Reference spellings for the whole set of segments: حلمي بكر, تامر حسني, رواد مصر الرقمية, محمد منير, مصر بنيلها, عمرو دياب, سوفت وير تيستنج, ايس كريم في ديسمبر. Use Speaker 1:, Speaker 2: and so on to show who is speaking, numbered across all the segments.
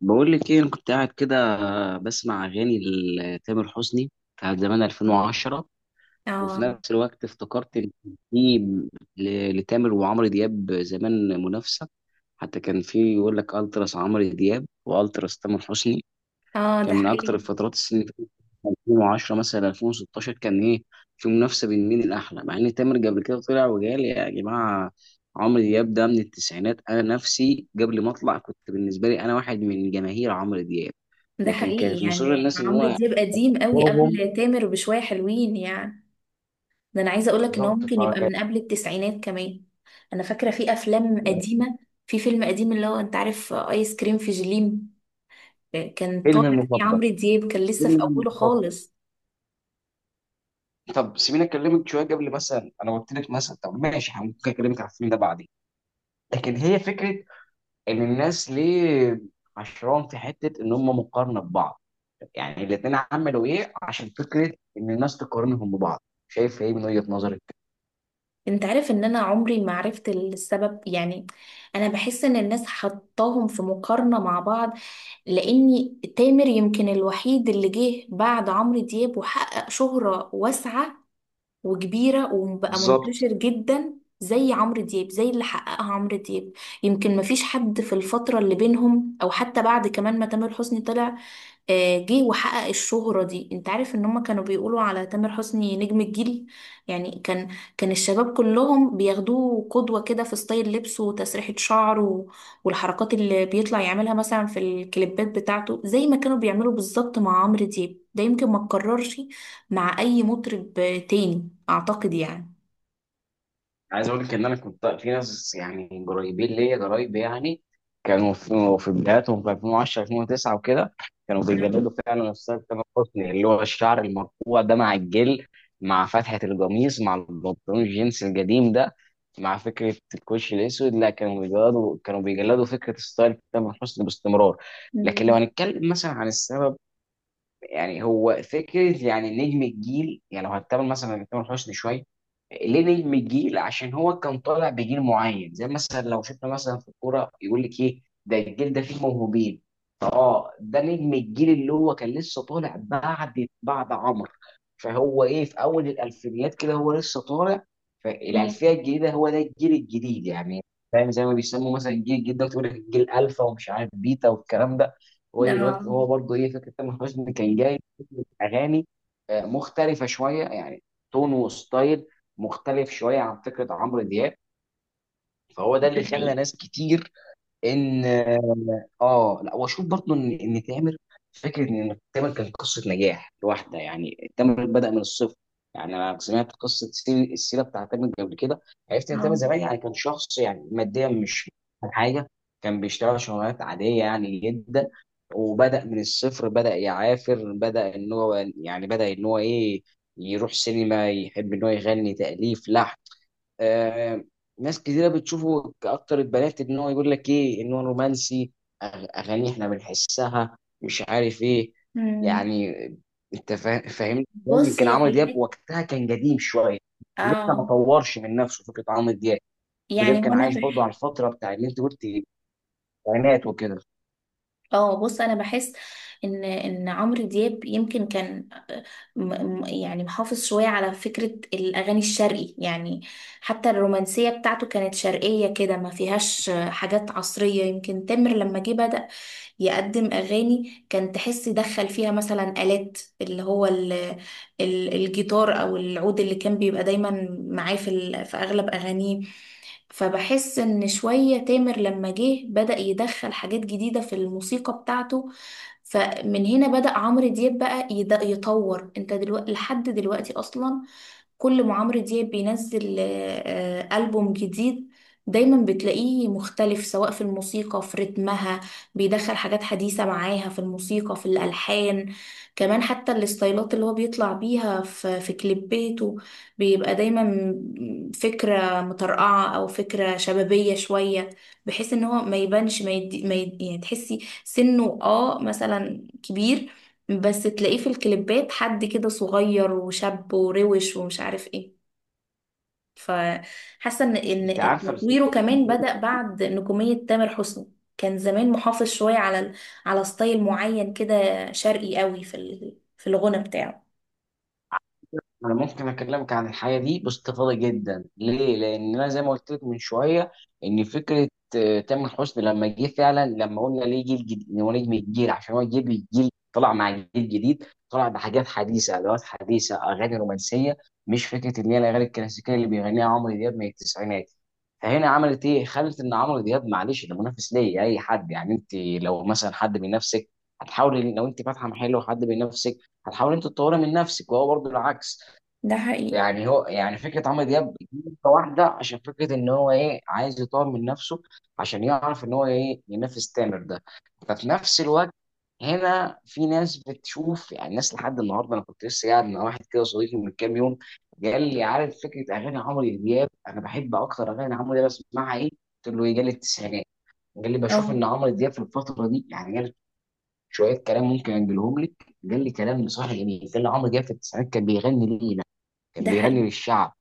Speaker 1: بقول لك ايه انا كنت قاعد كده بسمع اغاني لتامر حسني بتاعت زمان 2010. وفي
Speaker 2: اه،
Speaker 1: نفس الوقت افتكرت ان كان في لتامر وعمرو دياب زمان منافسه، حتى كان في يقول لك التراس عمرو دياب والتراس تامر حسني.
Speaker 2: اه،
Speaker 1: كان
Speaker 2: ده
Speaker 1: من اكتر
Speaker 2: حقيقي،
Speaker 1: الفترات السنة اللي فاتت 2010 مثلا 2016، كان ايه في منافسه بين مين الاحلى، مع ان تامر قبل كده طلع وقال يا جماعه، عمرو دياب ده من التسعينات، انا نفسي قبل ما اطلع كنت بالنسبه لي انا واحد من جماهير عمرو دياب.
Speaker 2: ده
Speaker 1: لكن كانت
Speaker 2: حقيقي.
Speaker 1: مصر
Speaker 2: يعني
Speaker 1: الناس ان
Speaker 2: عمرو
Speaker 1: هو
Speaker 2: دياب قديم قوي
Speaker 1: يحبهم.
Speaker 2: قبل تامر بشوية حلوين يعني. ده انا عايزة اقولك ان هو
Speaker 1: بالظبط،
Speaker 2: ممكن يبقى
Speaker 1: فكان.
Speaker 2: من قبل التسعينات كمان. انا فاكرة في افلام قديمة، في فيلم قديم اللي هو انت عارف ايس كريم في جليم. كان
Speaker 1: فيلم
Speaker 2: طالع فيه
Speaker 1: المفضل،
Speaker 2: عمرو دياب، كان لسه في
Speaker 1: فيلم
Speaker 2: اوله
Speaker 1: المفضل.
Speaker 2: خالص.
Speaker 1: طب سيبيني اكلمك شويه، قبل مثلا انا قلت لك مثلا، طب ماشي ممكن اكلمك على الفيلم ده بعدين. لكن هي فكره، ان الناس ليه عشران في حته ان هم مقارنه ببعض، يعني الاثنين عملوا ايه عشان فكره ان الناس تقارنهم ببعض؟ شايف ايه من وجهه نظرك؟
Speaker 2: انت عارف ان انا عمري ما عرفت السبب يعني. انا بحس ان الناس حطاهم في مقارنة مع بعض، لأني تامر يمكن الوحيد اللي جه بعد عمرو دياب وحقق شهرة واسعة وكبيرة وبقى
Speaker 1: بالظبط.
Speaker 2: منتشر جدا، زي عمرو دياب، زي اللي حققها عمرو دياب. يمكن مفيش حد في الفترة اللي بينهم أو حتى بعد كمان ما تامر حسني طلع. جه وحقق الشهرة دي. انت عارف ان هم كانوا بيقولوا على تامر حسني نجم الجيل، يعني كان الشباب كلهم بياخدوه قدوة كده في ستايل لبسه وتسريحة شعره والحركات اللي بيطلع يعملها مثلا في الكليبات بتاعته زي ما كانوا بيعملوا بالظبط مع عمرو دياب. ده يمكن ما اتكررش مع اي مطرب تاني اعتقد يعني.
Speaker 1: عايز اقول لك ان انا كنت في ناس يعني قريبين ليا قرايب، يعني كانوا في بداياتهم في 2010، 2009 وكده. كانوا بيجددوا
Speaker 2: نعم.
Speaker 1: فعلا الستايل، تامر حسني اللي هو الشعر المرفوع ده مع الجل، مع فتحة القميص، مع البنطلون الجينز القديم ده، مع فكرة الكوش الأسود. لا كانوا بيجلدوا، كانوا بيجلدوا فكرة ستايل تامر حسني باستمرار. لكن لو
Speaker 2: مم.
Speaker 1: هنتكلم مثلا عن السبب، يعني هو فكره يعني نجم الجيل، يعني لو هتقابل مثلا مع تامر حسني شويه، ليه نجم الجيل؟ عشان هو كان طالع بجيل معين، زي مثلا لو شفنا مثلا في الكوره يقول لك ايه ده، الجيل ده فيه موهوبين. اه ده نجم الجيل، اللي هو كان لسه طالع بعد عمرو. فهو ايه، في اول الالفينيات كده هو لسه طالع،
Speaker 2: مم.
Speaker 1: فالالفيه الجديده هو ده الجيل الجديد يعني. فاهم؟ زي ما بيسموا مثلا الجيل الجديد ده، تقول لك الجيل الفا ومش عارف بيتا والكلام ده. هو
Speaker 2: لا،
Speaker 1: دلوقتي هو برضه ايه، فكره تامر حسني كان جاي فكرة اغاني مختلفه شويه يعني، تون وستايل مختلف شويه عن فكره عمرو دياب. فهو ده اللي خلى
Speaker 2: حقيقي.
Speaker 1: ناس كتير، ان اه لا، واشوف برضه ان تامر، فكره ان تامر كان قصه نجاح لوحده. يعني تامر بدا من الصفر، يعني انا سمعت قصه السيره بتاعت تامر قبل كده. عرفت ان تامر
Speaker 2: اه.
Speaker 1: زمان يعني كان شخص يعني ماديا مش أحسن حاجه، كان بيشتغل شغلانات عاديه يعني جدا، وبدا من الصفر، بدا يعافر، بدا ان هو يعني، بدا ان هو ايه، يروح سينما، يحب ان هو يغني، تاليف، لحن. آه، ناس كتيرة بتشوفه، كأكتر البنات إن هو يقول لك إيه، إن هو رومانسي. أغاني إحنا بنحسها مش عارف إيه
Speaker 2: مم.
Speaker 1: يعني. أنت فاهم؟
Speaker 2: بص
Speaker 1: يمكن
Speaker 2: هي في
Speaker 1: عمرو دياب
Speaker 2: الحتة،
Speaker 1: وقتها كان قديم شوية، لسه ما
Speaker 2: اه،
Speaker 1: طورش من نفسه فكرة. عمرو دياب عمرو دياب
Speaker 2: يعني
Speaker 1: كان
Speaker 2: هنا،
Speaker 1: عايش برضه على الفترة بتاع اللي أنت قلت، التسعينات وكده.
Speaker 2: اه، بص انا بحس ان عمرو دياب يمكن كان، يعني محافظ شويه على فكره الاغاني الشرقي يعني. حتى الرومانسيه بتاعته كانت شرقيه كده ما فيهاش حاجات عصريه. يمكن تامر لما جه بدأ يقدم اغاني، كان تحس دخل فيها مثلا آلات اللي هو ال ال الجيتار او العود اللي كان بيبقى دايما معاه في اغلب اغانيه. فبحس ان شوية تامر لما جه بدأ يدخل حاجات جديدة في الموسيقى بتاعته. فمن هنا بدأ عمرو دياب بقى يطور. انت دلوقتي لحد دلوقتي اصلا كل ما عمرو دياب بينزل ألبوم جديد، دايما بتلاقيه مختلف، سواء في الموسيقى في رتمها بيدخل حاجات حديثة معاها في الموسيقى في الألحان. كمان حتى الستايلات اللي هو بيطلع بيها في كليباته بيبقى دايما فكرة مطرقعة أو فكرة شبابية شوية، بحيث ان هو ما يبانش، ما يدي، يعني تحسي سنه مثلا كبير، بس تلاقيه في الكليبات حد كده صغير وشاب وروش ومش عارف ايه. فحاسه ان
Speaker 1: أنت
Speaker 2: ان
Speaker 1: عارفة،
Speaker 2: تطويره كمان بدأ بعد نجوميه تامر حسني. كان زمان محافظ شويه على ستايل معين كده، شرقي قوي في الغنى بتاعه.
Speaker 1: انا ممكن اكلمك عن الحياه دي باستفاضه جدا، ليه؟ لان انا زي ما قلت لك من شويه، ان فكره تامر حسني لما جه فعلا، لما قلنا ليه جيل جديد، إن هو نجم الجيل عشان هو جيل، الجيل طلع مع جيل جديد، طلع بحاجات حديثه، ادوات حديثه، اغاني رومانسيه، مش فكره ان هي الاغاني الكلاسيكيه اللي بيغنيها عمرو دياب من التسعينات. فهنا عملت ايه؟ خلت ان عمرو دياب معلش ده منافس ليه. اي حد يعني، انت لو مثلا حد من نفسك هتحاول، لو انت فاتحه محل وحد من نفسك، هتحاول انت تطوري من نفسك، وهو برضه العكس
Speaker 2: ده حقيقي،
Speaker 1: يعني. هو يعني فكره عمرو دياب نقطة واحده، عشان فكره ان هو ايه عايز يطور من نفسه عشان يعرف ان هو ايه ينافس تامر ده. ففي نفس الوقت هنا في ناس بتشوف، يعني ناس لحد النهارده، انا كنت لسه قاعد مع واحد كده صديقي من كام يوم، قال لي عارف فكره اغاني عمرو دياب، انا بحب اكتر اغاني عمرو دياب اسمعها ايه؟ قلت له ايه، جال التسعينات. قال لي بشوف
Speaker 2: اه،
Speaker 1: ان عمرو دياب في الفتره دي، يعني قال شويه كلام ممكن انجلهم لك. قال لي كلام بصراحه جميل، قال لي عمرو دياب في التسعينات كان بيغني ليه؟ كان
Speaker 2: ده
Speaker 1: بيغني
Speaker 2: حقيقي.
Speaker 1: للشعب،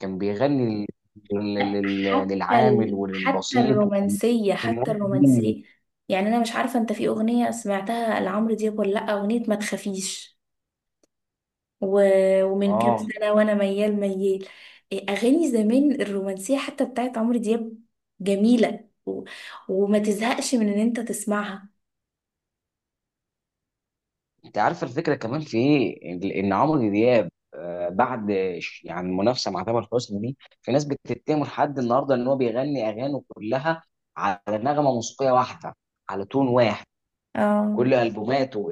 Speaker 1: كان بيغني لل- لل-
Speaker 2: ده حتى
Speaker 1: للعامل
Speaker 2: حتى
Speaker 1: وللبسيط،
Speaker 2: الرومانسيه،
Speaker 1: وكان
Speaker 2: حتى
Speaker 1: واحد منهم.
Speaker 2: الرومانسيه. يعني انا مش عارفه انت في اغنيه سمعتها لعمرو دياب ولا لا، اغنيه ما تخافيش، ومن كام
Speaker 1: اه،
Speaker 2: سنة، وأنا ميال ميال. إيه، أغاني زمان الرومانسية حتى بتاعت عمرو دياب جميلة وما تزهقش من إن أنت تسمعها.
Speaker 1: انت عارف الفكره كمان في ايه، ان إن عمرو دياب بعد يعني المنافسه مع تامر حسني دي، في ناس بتتهمه لحد النهارده ان هو بيغني اغانيه كلها على نغمه موسيقيه واحده، على تون واحد،
Speaker 2: اه.
Speaker 1: كل البوماته.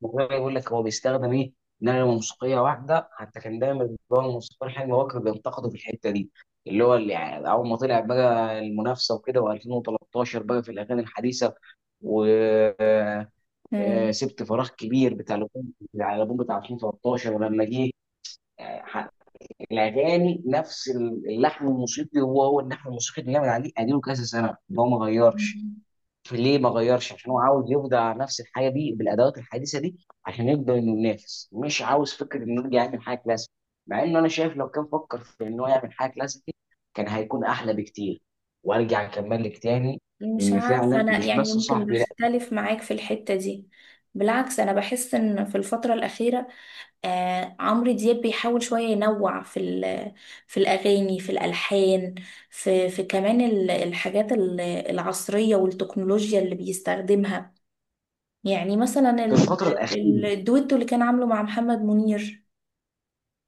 Speaker 1: ما هو بيقول لك هو بيستخدم ايه، نغمه موسيقيه واحده. حتى كان دايما بيبقى الموسيقار حلمي بكر بينتقده في الحته دي، اللي هو اللي يعني اول ما طلع بقى المنافسه وكده، و2013 بقى في الاغاني الحديثه. و آه،
Speaker 2: مم.
Speaker 1: سبت فراغ كبير بتاع الالبوم، بتاع الألبوم بتاع 2013. ولما جه آه، ح- الاغاني، نفس اللحن الموسيقي، هو اللحن الموسيقي اللي جامد عليه، اديله كذا سنه ده هو ما غيرش. ليه ما غيرش؟ عشان هو عاوز يبدع نفس الحاجه دي بالادوات الحديثه دي عشان يقدر انه ينافس، مش عاوز فكره انه يرجع يعمل حاجه كلاسيك. مع انه انا شايف لو كان فكر في انه يعمل حاجه كلاسيك كان هيكون احلى بكتير. وارجع اكمل لك تاني.
Speaker 2: مش
Speaker 1: ان
Speaker 2: عارفة
Speaker 1: فعلا
Speaker 2: أنا،
Speaker 1: مش
Speaker 2: يعني
Speaker 1: بس
Speaker 2: يمكن
Speaker 1: صاحبي، لا،
Speaker 2: بختلف معاك في الحتة دي. بالعكس أنا بحس إن في الفترة الأخيرة عمرو دياب بيحاول شوية ينوع في الأغاني في الألحان، في كمان الحاجات العصرية والتكنولوجيا اللي بيستخدمها. يعني مثلا
Speaker 1: في الفتره الاخيره.
Speaker 2: الدويتو اللي كان عامله مع محمد منير،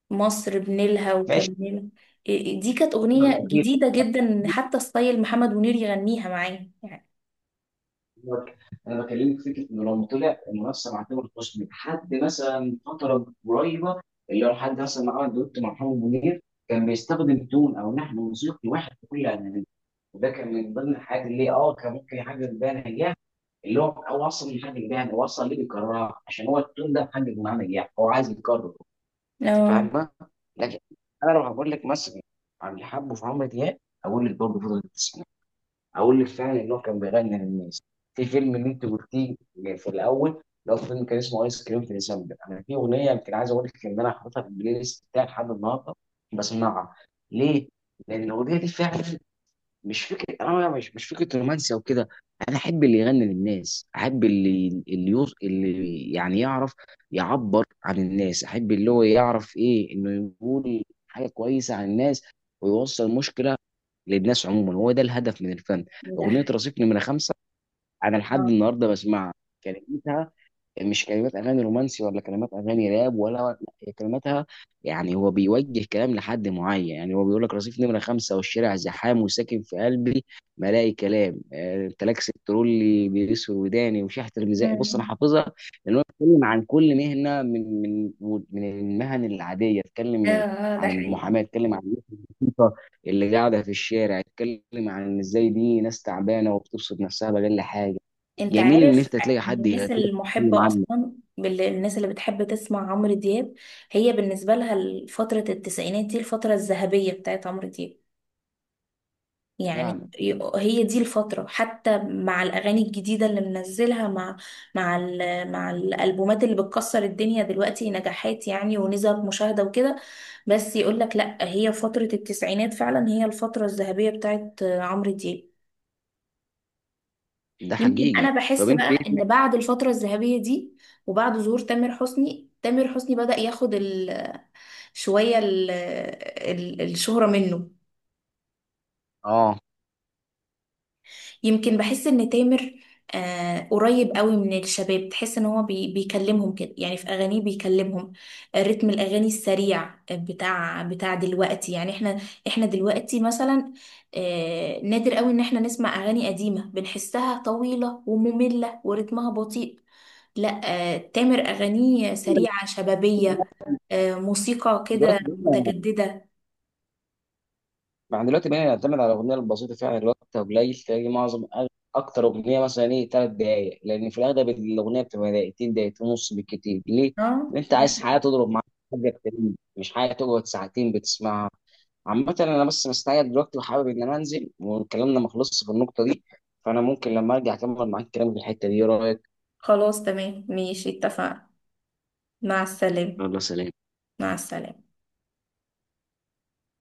Speaker 2: مصر بنيلها،
Speaker 1: ماشي.
Speaker 2: وكان بنيلها. دي كانت
Speaker 1: الفتره
Speaker 2: أغنية
Speaker 1: الاخيره،
Speaker 2: جديدة جدا، إن حتى ستايل محمد منير يغنيها معاه يعني.
Speaker 1: انا بكلمك فكره انه لو طلع المنافسه مع تامر حسني لحد مثلا فتره قريبه، اللي هو لحد مثلا ما عمل دوت مع محمد منير، كان بيستخدم تون او نحن موسيقي واحد في كل اغانيه. وده كان من ضمن الحاجات اللي كان ممكن يحقق بيها نجاح، اللي هو او اصلا مش حاجه بيها، هو اصلا ليه بيكررها؟ عشان هو التون ده محقق معاه نجاح، هو عايز يكرره. انت
Speaker 2: اه،
Speaker 1: فاهمه؟ لكن انا لو هقول لك مثلا عن اللي حبه في عمرو دياب، اقول لك برضه فضل، اقول لك فعلا ان هو كان بيغني للناس. في فيلم اللي انت قلتيه في الاول، اللي هو فيلم كان اسمه ايس كريم في ديسمبر، انا في اغنيه يمكن عايز اقول لك ان انا حاططها في البلاي ليست بتاعي لحد النهارده بسمعها. ليه؟ لان الاغنيه دي فعلا مش فكره، انا مش فكره رومانسي او كده. انا احب اللي يغني للناس، احب اللي اللي يعني يعرف يعبر عن الناس، احب اللي هو يعرف ايه انه يقول حاجه كويسه عن الناس، ويوصل مشكله للناس عموما. هو ده الهدف من الفن.
Speaker 2: ده
Speaker 1: اغنيه
Speaker 2: حقيقي،
Speaker 1: رصيف نمره خمسه، انا لحد
Speaker 2: اه.
Speaker 1: النهارده بسمعها. كلمتها مش كلمات اغاني رومانسي ولا كلمات اغاني راب، ولا لا، هي كلماتها يعني هو بيوجه كلام لحد معين. يعني هو بيقول لك: رصيف نمره خمسه والشارع زحام وساكن في قلبي ما الاقي كلام انت لك ست اللي بيسوي وداني وشحت الميزان. بص انا
Speaker 2: أمم.
Speaker 1: حافظها، لان هو بيتكلم عن كل مهنه، من المهن العاديه.
Speaker 2: اه،
Speaker 1: اتكلم
Speaker 2: ده
Speaker 1: عن
Speaker 2: حقيقي.
Speaker 1: المحاماه، اتكلم عن الناس البسيطه اللي قاعده في الشارع، اتكلم عن إن ازاي دي ناس تعبانه وبتبسط نفسها بأقل حاجه.
Speaker 2: انت
Speaker 1: جميل ان
Speaker 2: عارف
Speaker 1: انت تلاقي حد يغني
Speaker 2: الناس
Speaker 1: لك، يتكلم
Speaker 2: المحبة
Speaker 1: عنه.
Speaker 2: اصلا، الناس اللي بتحب تسمع عمرو دياب، هي بالنسبة لها فترة التسعينات دي الفترة الذهبية بتاعت عمرو دياب.
Speaker 1: فعلا.
Speaker 2: يعني هي دي الفترة، حتى مع الأغاني الجديدة اللي منزلها، مع مع الألبومات اللي بتكسر الدنيا دلوقتي نجاحات يعني ونسب مشاهدة وكده، بس يقولك لأ، هي فترة التسعينات فعلا هي الفترة الذهبية بتاعت عمرو دياب.
Speaker 1: ده
Speaker 2: يمكن
Speaker 1: حقيقي.
Speaker 2: أنا
Speaker 1: طب
Speaker 2: بحس
Speaker 1: انت ايه
Speaker 2: بقى إن
Speaker 1: سمعت-؟
Speaker 2: بعد الفترة الذهبية دي وبعد ظهور تامر حسني بدأ ياخد، شوية الشهرة منه.
Speaker 1: اه
Speaker 2: يمكن بحس ان تامر قريب قوي من الشباب، تحس ان هو بيكلمهم كده، يعني في اغانيه بيكلمهم. رتم الاغاني السريع بتاع دلوقتي، يعني احنا دلوقتي مثلا نادر قوي ان احنا نسمع اغاني قديمة بنحسها طويلة ومملة ورتمها بطيء. لا، تامر اغانيه سريعة شبابية، موسيقى كده
Speaker 1: دلوقتي بقينا،
Speaker 2: متجددة.
Speaker 1: دلوقتي بقينا نعتمد على الاغنيه البسيطه فعلا. الوقت قليل، تلاقي معظم اكتر اغنيه مثلا ايه 3 دقائق، لان في الاغلب الاغنيه بتبقى دقيقتين، دقيقتين ونص بالكتير. ليه؟
Speaker 2: اه،
Speaker 1: لان انت
Speaker 2: ده
Speaker 1: عايز حاجه تضرب معاك حاجه كتير، مش حاجه تقعد ساعتين بتسمعها. عامة أنا بس مستعجل دلوقتي وحابب إن أنا أنزل، وكلامنا ما خلصش في النقطة دي، فأنا ممكن لما أرجع أكمل معاك الكلام في الحتة دي. إيه رأيك؟
Speaker 2: خلاص، تمام، ماشي، اتفقنا. مع السلامة.
Speaker 1: يلا سلام.
Speaker 2: مع السلامة.